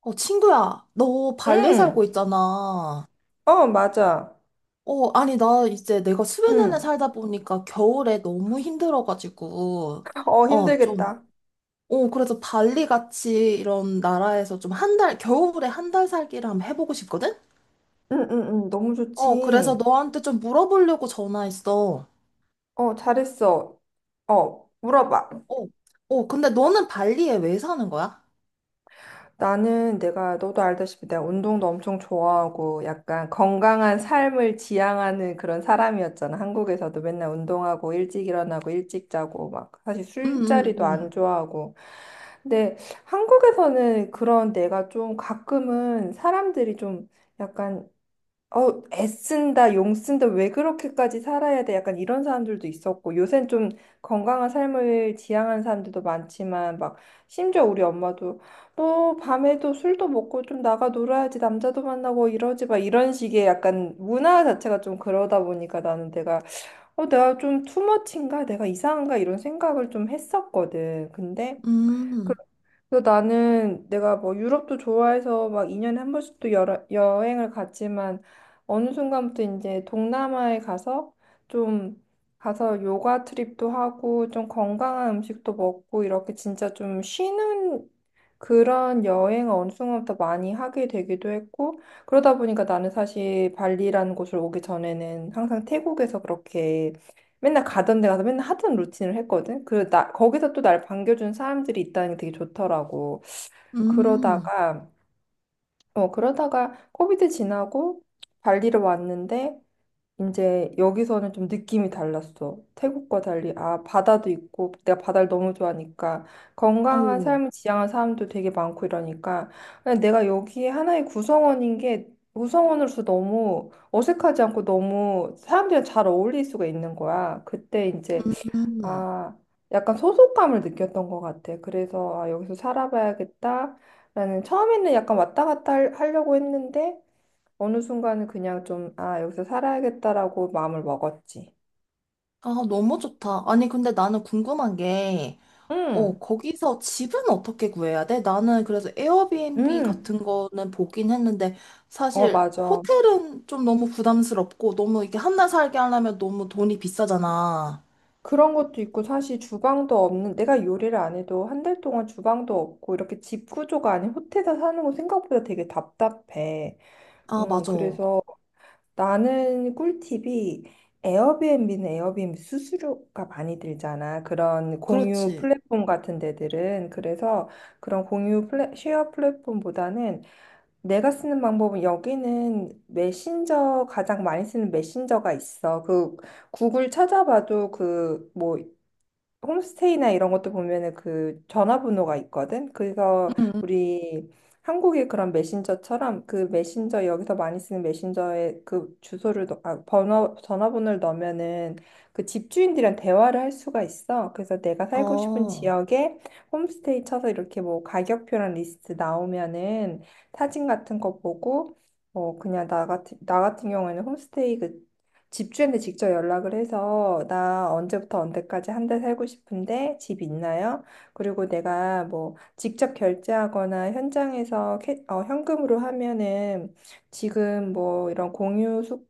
친구야, 너 발리 살고 응, 있잖아. 어, 맞아. 아니, 나 이제 내가 스웨덴에 응, 살다 보니까 겨울에 너무 힘들어가지고, 어, 좀, 힘들겠다. 그래서 발리 같이 이런 나라에서 좀 한 달, 겨울에 한 달 살기를 한번 해보고 싶거든? 응, 응, 응, 너무 좋지. 그래서 너한테 좀 물어보려고 전화했어. 어, 잘했어. 어, 물어봐. 어, 근데 너는 발리에 왜 사는 거야? 나는 내가, 너도 알다시피 내가 운동도 엄청 좋아하고 약간 건강한 삶을 지향하는 그런 사람이었잖아. 한국에서도 맨날 운동하고 일찍 일어나고 일찍 자고 막 사실 음, 술자리도 안 음, 좋아하고. 근데 한국에서는 그런 내가 좀 가끔은 사람들이 좀 약간 애쓴다, 용 쓴다, 왜 그렇게까지 살아야 돼? 약간 이런 사람들도 있었고, 요샌 좀 건강한 삶을 지향하는 사람들도 많지만, 막, 심지어 우리 엄마도, 너 밤에도 술도 먹고 좀 나가 놀아야지, 남자도 만나고 이러지 마. 이런 식의 약간 문화 자체가 좀 그러다 보니까 나는 내가, 내가 좀 투머치인가? 내가 이상한가? 이런 생각을 좀 했었거든. 근데, 음, 그래서 나는 내가 뭐 유럽도 좋아해서 막 2년에 한 번씩 또 여행을 갔지만 어느 순간부터 이제 동남아에 가서 좀 가서 요가 트립도 하고 좀 건강한 음식도 먹고 이렇게 진짜 좀 쉬는 그런 여행을 어느 순간부터 많이 하게 되기도 했고, 그러다 보니까 나는 사실 발리라는 곳을 오기 전에는 항상 태국에서 그렇게 맨날 가던 데 가서 맨날 하던 루틴을 했거든. 거기서 또 날 반겨준 사람들이 있다는 게 되게 좋더라고. 음, 음, 그러다가, 그러다가 코비드 지나고 발리를 왔는데, 이제 여기서는 좀 느낌이 달랐어. 태국과 달리, 바다도 있고, 내가 바다를 너무 좋아하니까, 건강한 어, 삶을 지향한 사람도 되게 많고 이러니까, 그냥 내가 여기에 하나의 구성원인 게, 구성원으로서 너무 어색하지 않고 너무 사람들이랑 잘 어울릴 수가 있는 거야. 그때 이제, 음. 아, 약간 소속감을 느꼈던 것 같아. 그래서, 아, 여기서 살아봐야겠다. 라는, 처음에는 약간 왔다 갔다 하려고 했는데, 어느 순간은 그냥 좀, 여기서 살아야겠다라고 마음을 먹었지. 아, 너무 좋다. 아니, 근데 나는 궁금한 게, 응, 거기서 집은 어떻게 구해야 돼? 나는 그래서 에어비앤비 응, 같은 거는 보긴 했는데 어, 사실 맞아. 호텔은 좀 너무 부담스럽고 너무 이게 한 달 살게 하려면 너무 돈이 비싸잖아. 그런 것도 있고, 사실 주방도 없는, 내가 요리를 안 해도 한 달 동안 주방도 없고, 이렇게 집 구조가 아닌 호텔에서 사는 거 생각보다 되게 답답해. 아, 맞아. 그래서 나는 꿀팁이 에어비앤비는 에어비앤비 수수료가 많이 들잖아. 그런 공유 그렇지. 플랫폼 같은 데들은. 그래서 그런 공유 쉐어 플랫폼보다는 내가 쓰는 방법은 여기는 메신저 가장 많이 쓰는 메신저가 있어. 그 구글 찾아봐도 그뭐 홈스테이나 이런 것도 보면은 그 전화번호가 있거든. 응, 그래서 응. 우리 한국의 그런 메신저처럼 그 메신저 여기서 많이 쓰는 메신저에 그 주소를 넣, 아, 번호 전화번호를 넣으면은 그 집주인들이랑 대화를 할 수가 있어. 그래서 내가 살고 싶은 어, 지역에 홈스테이 쳐서 이렇게 뭐 가격표랑 리스트 나오면은 사진 같은 거 보고 어 그냥 나 같은 경우에는 홈스테이 그 집주인한테 직접 연락을 해서 나 언제부터 언제까지 한 달 살고 싶은데 집 있나요? 그리고 내가 뭐 직접 결제하거나 현장에서 현금으로 하면은 지금 뭐 이런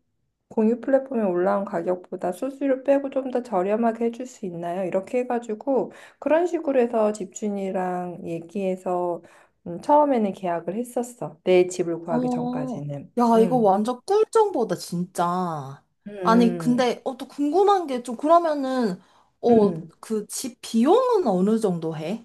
공유 플랫폼에 올라온 가격보다 수수료 빼고 좀 더 저렴하게 해줄 수 있나요? 이렇게 해가지고 그런 식으로 해서 집주인이랑 얘기해서 처음에는 계약을 했었어. 내 집을 구하기 어. 전까지는. 야, 이거 음. 완전 꿀 정보다, 진짜. 아니, 음. 근데 또 궁금한 게 좀 그러면은 어, 음. 그 집 비용은 어느 정도 해?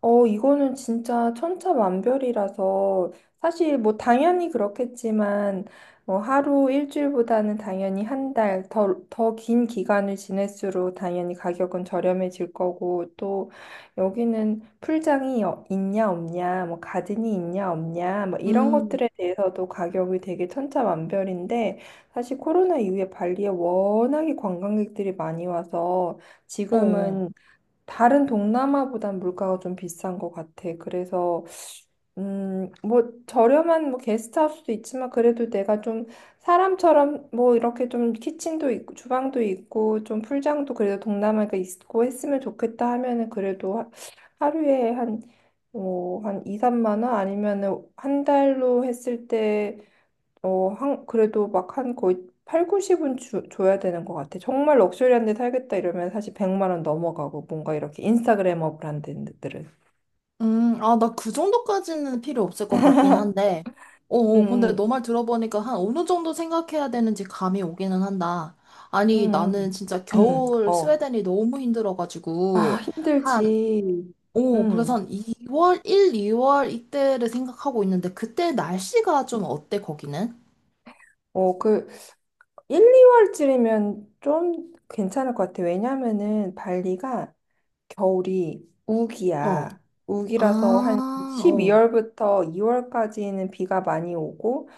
어, 이거는 진짜 천차만별이라서 사실 뭐 당연히 그렇겠지만 뭐 하루 일주일보다는 당연히 한 달 더 긴 기간을 지낼수록 당연히 가격은 저렴해질 거고 또 여기는 풀장이 있냐 없냐 뭐 가든이 있냐 없냐 뭐 이런 음, 것들에 대해서도 가격이 되게 천차만별인데 사실 코로나 이후에 발리에 워낙에 관광객들이 많이 와서 어. 지금은 다른 동남아보단 물가가 좀 비싼 것 같아. 그래서, 뭐, 저렴한 뭐 게스트하우스도 있지만, 그래도 내가 좀 사람처럼 뭐 이렇게 좀 키친도 있고, 주방도 있고, 좀 풀장도 그래도 동남아가 있고 했으면 좋겠다 하면은 그래도 하루에 한, 뭐, 한 2, 3만 원 아니면은 한 달로 했을 때 어, 한, 그래도 막 한 거의 8, 90은 줘야 되는 것 같아. 정말 럭셔리한 데 살겠다 이러면 사실 100만 원 넘어가고 뭔가 이렇게 인스타그래머 브랜드들은. 아, 나 그 정도까지는 필요 없을 것 같긴 한데. 근데 음, 너 말 들어보니까 한 어느 정도 생각해야 되는지 감이 오기는 한다. 아니, 음, 나는 음, 진짜 음. 겨울 어. 스웨덴이 너무 아, 힘들어가지고, 한, 힘들지. 그래서 음. 한 2월, 1, 2월 이때를 생각하고 있는데, 그때 날씨가 좀 어때, 거기는? 어, 그 1, 2월쯤이면 좀 괜찮을 것 같아. 왜냐면은 발리가 겨울이 어. 우기야. 우기라서 한 아, 어. 12월부터 2월까지는 비가 많이 오고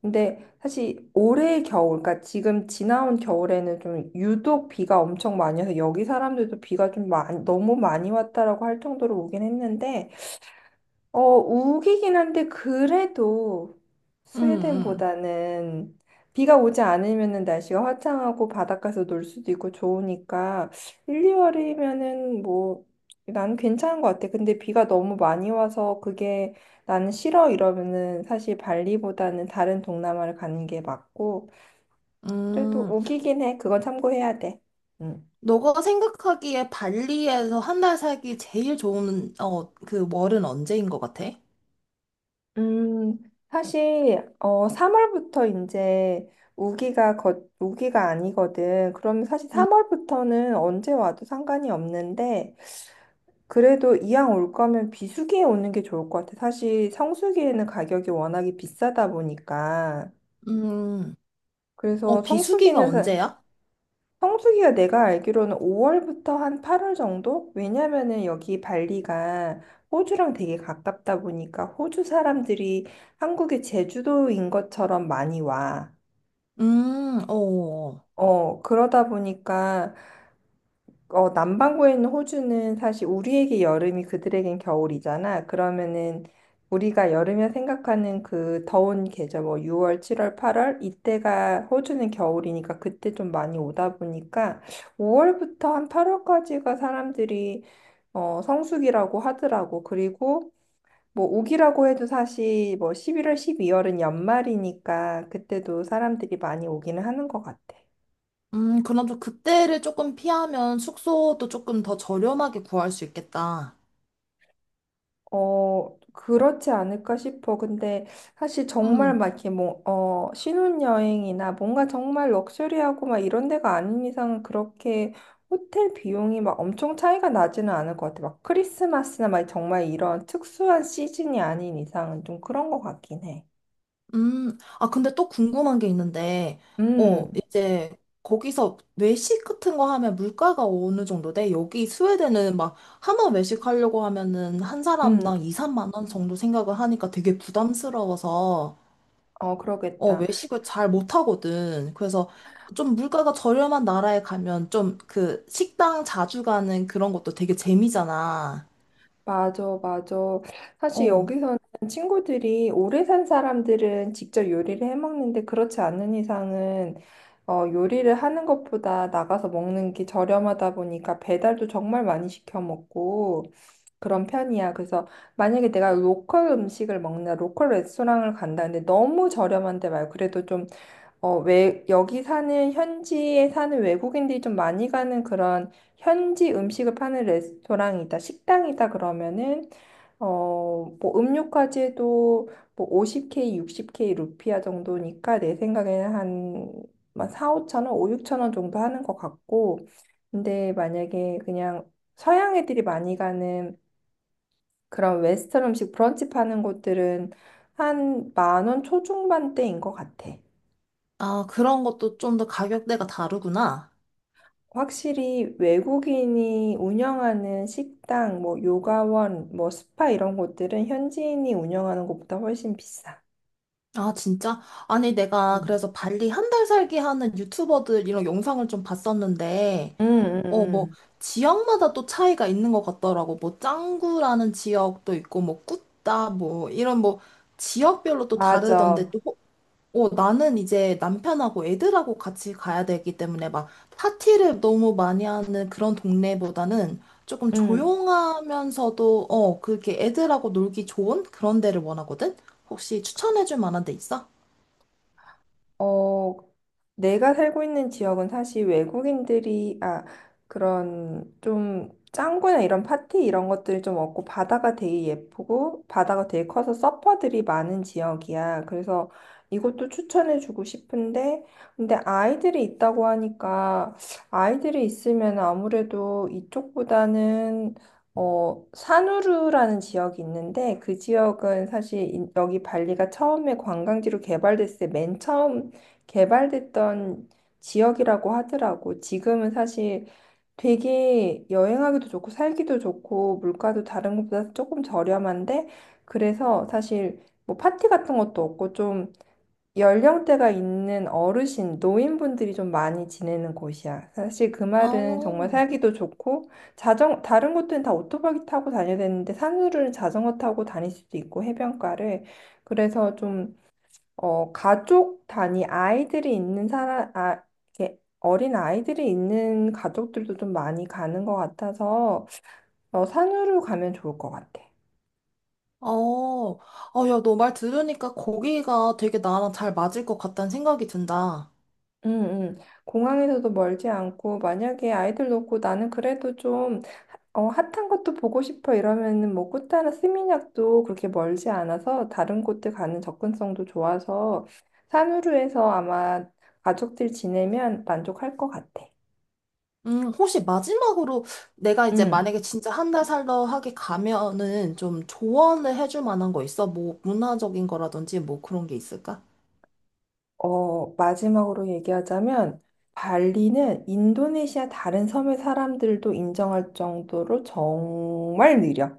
근데 사실 올해 겨울, 그러니까 지금 지나온 겨울에는 좀 유독 비가 엄청 많이 와서 여기 사람들도 비가 좀 많이, 너무 많이 왔다라고 할 정도로 오긴 했는데 어, 우기긴 한데 그래도 응 응 스웨덴보다는 비가 오지 않으면은 날씨가 화창하고 바닷가에서 놀 수도 있고 좋으니까 1, 2월이면은 뭐 나는 괜찮은 것 같아. 근데 비가 너무 많이 와서 그게 나는 싫어 이러면은 사실 발리보다는 다른 동남아를 가는 게 맞고 그래도 음, 우기긴 해. 그건 참고해야 돼. 응. 너가 생각하기에 발리에서 한 달 살기 제일 좋은, 그 월은 언제인 것 같아? 음, 사실 어 3월부터 이제 우기가 아니거든. 그럼 사실 음, 3월부터는 언제 와도 상관이 없는데 그래도 이왕 올 거면 비수기에 오는 게 좋을 것 같아. 사실 성수기에는 가격이 워낙에 비싸다 보니까. 음, 그래서 비수기가 언제야? 성수기가 내가 알기로는 5월부터 한 8월 정도? 왜냐면은 여기 발리가 호주랑 되게 가깝다 보니까 호주 사람들이 한국의 제주도인 것처럼 많이 와. 음, 어, 어, 그러다 보니까 어, 남반구에 있는 호주는 사실 우리에게 여름이 그들에겐 겨울이잖아. 그러면은 우리가 여름에 생각하는 그 더운 계절, 뭐 6월, 7월, 8월 이때가 호주는 겨울이니까 그때 좀 많이 오다 보니까 5월부터 한 8월까지가 사람들이 어, 성수기라고 하더라고. 그리고 뭐 오기라고 해도 사실 뭐 11월, 12월은 연말이니까 그때도 사람들이 많이 오기는 하는 것 같아. 그럼 좀 그때를 조금 피하면 숙소도 조금 더 저렴하게 구할 수 있겠다. 어, 그렇지 않을까 싶어. 근데 사실 정말 음, 막 이렇게 뭐, 어, 신혼여행이나 뭔가 정말 럭셔리하고 막 이런 데가 아닌 이상은 그렇게 호텔 비용이 막 엄청 차이가 나지는 않을 것 같아. 막 크리스마스나 막 정말 이런 특수한 시즌이 아닌 이상은 좀 그런 것 같긴 해. 아, 근데 또 궁금한 게 있는데, 음, 이제 거기서 외식 같은 거 하면 물가가 어느 정도 돼? 여기 스웨덴은 막 한번 외식하려고 하면은 한 음, 사람당 2, 3만 원 정도 생각을 하니까 되게 부담스러워서, 어, 그러겠다. 외식을 잘 못하거든. 그래서 좀 물가가 저렴한 나라에 가면 좀 그 식당 자주 가는 그런 것도 되게 재미잖아. 맞아, 맞아. 사실 어, 여기서는 친구들이 오래 산 사람들은 직접 요리를 해 먹는데 그렇지 않은 이상은 어, 요리를 하는 것보다 나가서 먹는 게 저렴하다 보니까 배달도 정말 많이 시켜 먹고 그런 편이야. 그래서 만약에 내가 로컬 음식을 먹나 로컬 레스토랑을 간다는데 너무 저렴한데 말고 그래도 좀 여기 사는 현지에 사는 외국인들이 좀 많이 가는 그런 현지 음식을 파는 레스토랑이다, 식당이다 그러면은 어, 뭐 음료까지 해도 뭐 50K, 60K 루피아 정도니까 내 생각에는 한, 한 4, 5천 원, 5, 6천 원 정도 하는 것 같고 근데 만약에 그냥 서양 애들이 많이 가는 그런 웨스턴 음식 브런치 파는 곳들은 한 만 원 초중반대인 것 같아. 아, 그런 것도 좀 더 가격대가 다르구나. 확실히 외국인이 운영하는 식당, 뭐 요가원, 뭐 스파 이런 곳들은 현지인이 운영하는 곳보다 훨씬 비싸. 아, 진짜? 아니, 내가 음. 그래서 발리 한 달 살기 하는 유튜버들 이런 영상을 좀 봤었는데, 음, 음, 뭐, 음. 지역마다 또 차이가 있는 것 같더라고. 뭐, 짱구라는 지역도 있고, 뭐, 꾸따, 뭐, 이런 뭐, 지역별로 또 다르던데, 맞아. 또 나는 이제 남편하고 애들하고 같이 가야 되기 때문에 막 파티를 너무 많이 하는 그런 동네보다는 조금 응. 조용하면서도 그렇게 애들하고 놀기 좋은 그런 데를 원하거든? 혹시 추천해줄 만한 데 있어? 어, 내가 살고 있는 지역은 사실 그런 좀 짱구나 이런 파티 이런 것들이 좀 없고 바다가 되게 예쁘고 바다가 되게 커서 서퍼들이 많은 지역이야. 그래서 이것도 추천해주고 싶은데, 근데 아이들이 있다고 하니까 아이들이 있으면 아무래도 이쪽보다는 어, 산우루라는 지역이 있는데 그 지역은 사실 여기 발리가 처음에 관광지로 개발됐을 때 맨 처음 개발됐던 지역이라고 하더라고. 지금은 사실 되게 여행하기도 좋고 살기도 좋고 물가도 다른 곳보다 조금 저렴한데 그래서 사실 뭐 파티 같은 것도 없고 좀 연령대가 있는 어르신, 노인분들이 좀 많이 지내는 곳이야. 사실 그 말은 정말 어, 살기도 좋고 자전 다른 곳들은 다 오토바이 타고 다녀야 되는데 산후로는 자전거 타고 다닐 수도 있고 해변가를 그래서 좀 가족 단위 아이들이 있는 이렇게 어린 아이들이 있는 가족들도 좀 많이 가는 것 같아서 어, 산후로 가면 좋을 것 같아. 어, 야, 너 말 들으니까 거기가 되게 나랑 잘 맞을 것 같다는 생각이 든다. 음, 음. 공항에서도 멀지 않고 만약에 아이들 놓고 나는 그래도 좀 어, 핫한 것도 보고 싶어 이러면은 뭐 꾸따나 스미냑도 그렇게 멀지 않아서 다른 곳들 가는 접근성도 좋아서 산후루에서 아마 가족들 지내면 만족할 것 같아. 혹시 마지막으로 내가 이제 음. 만약에 진짜 한 달 살러 하게 가면은 좀 조언을 해줄 만한 거 있어? 뭐 문화적인 거라든지 뭐 그런 게 있을까? 어, 마지막으로 얘기하자면, 발리는 인도네시아 다른 섬의 사람들도 인정할 정도로 정말 느려.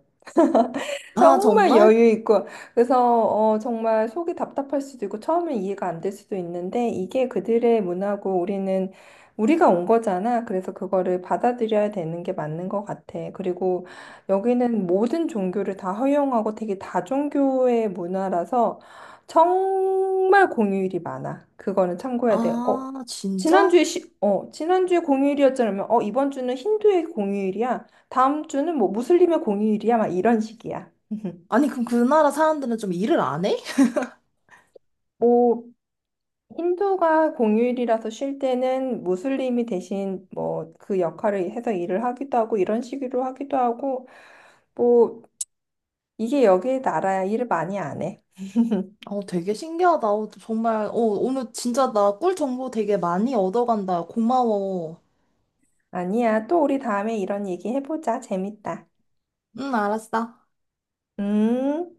아, 정말 정말? 여유 있고 그래서 어, 정말 속이 답답할 수도 있고 처음엔 이해가 안 될 수도 있는데 이게 그들의 문화고 우리는 우리가 온 거잖아. 그래서 그거를 받아들여야 되는 게 맞는 것 같아. 그리고 여기는 모든 종교를 다 허용하고 되게 다종교의 문화라서 정말 공휴일이 많아. 그거는 참고해야 돼. 어, 아, 진짜? 지난주에 공휴일이었잖아. 어, 이번 주는 힌두의 공휴일이야. 다음 주는 뭐 무슬림의 공휴일이야. 막 이런 식이야. 아니, 그럼 그 나라 사람들은 좀 일을 안 해? 뭐 힌두가 공휴일이라서 쉴 때는 무슬림이 대신 뭐 그 역할을 해서 일을 하기도 하고 이런 식으로 하기도 하고 뭐 이게 여기 나라야 일을 많이 안 해. 되게 신기하다. 정말, 오늘 진짜 나 꿀 정보 되게 많이 얻어간다. 고마워. 아니야. 또 우리 다음에 이런 얘기 해보자. 재밌다. 응, 알았어. 음.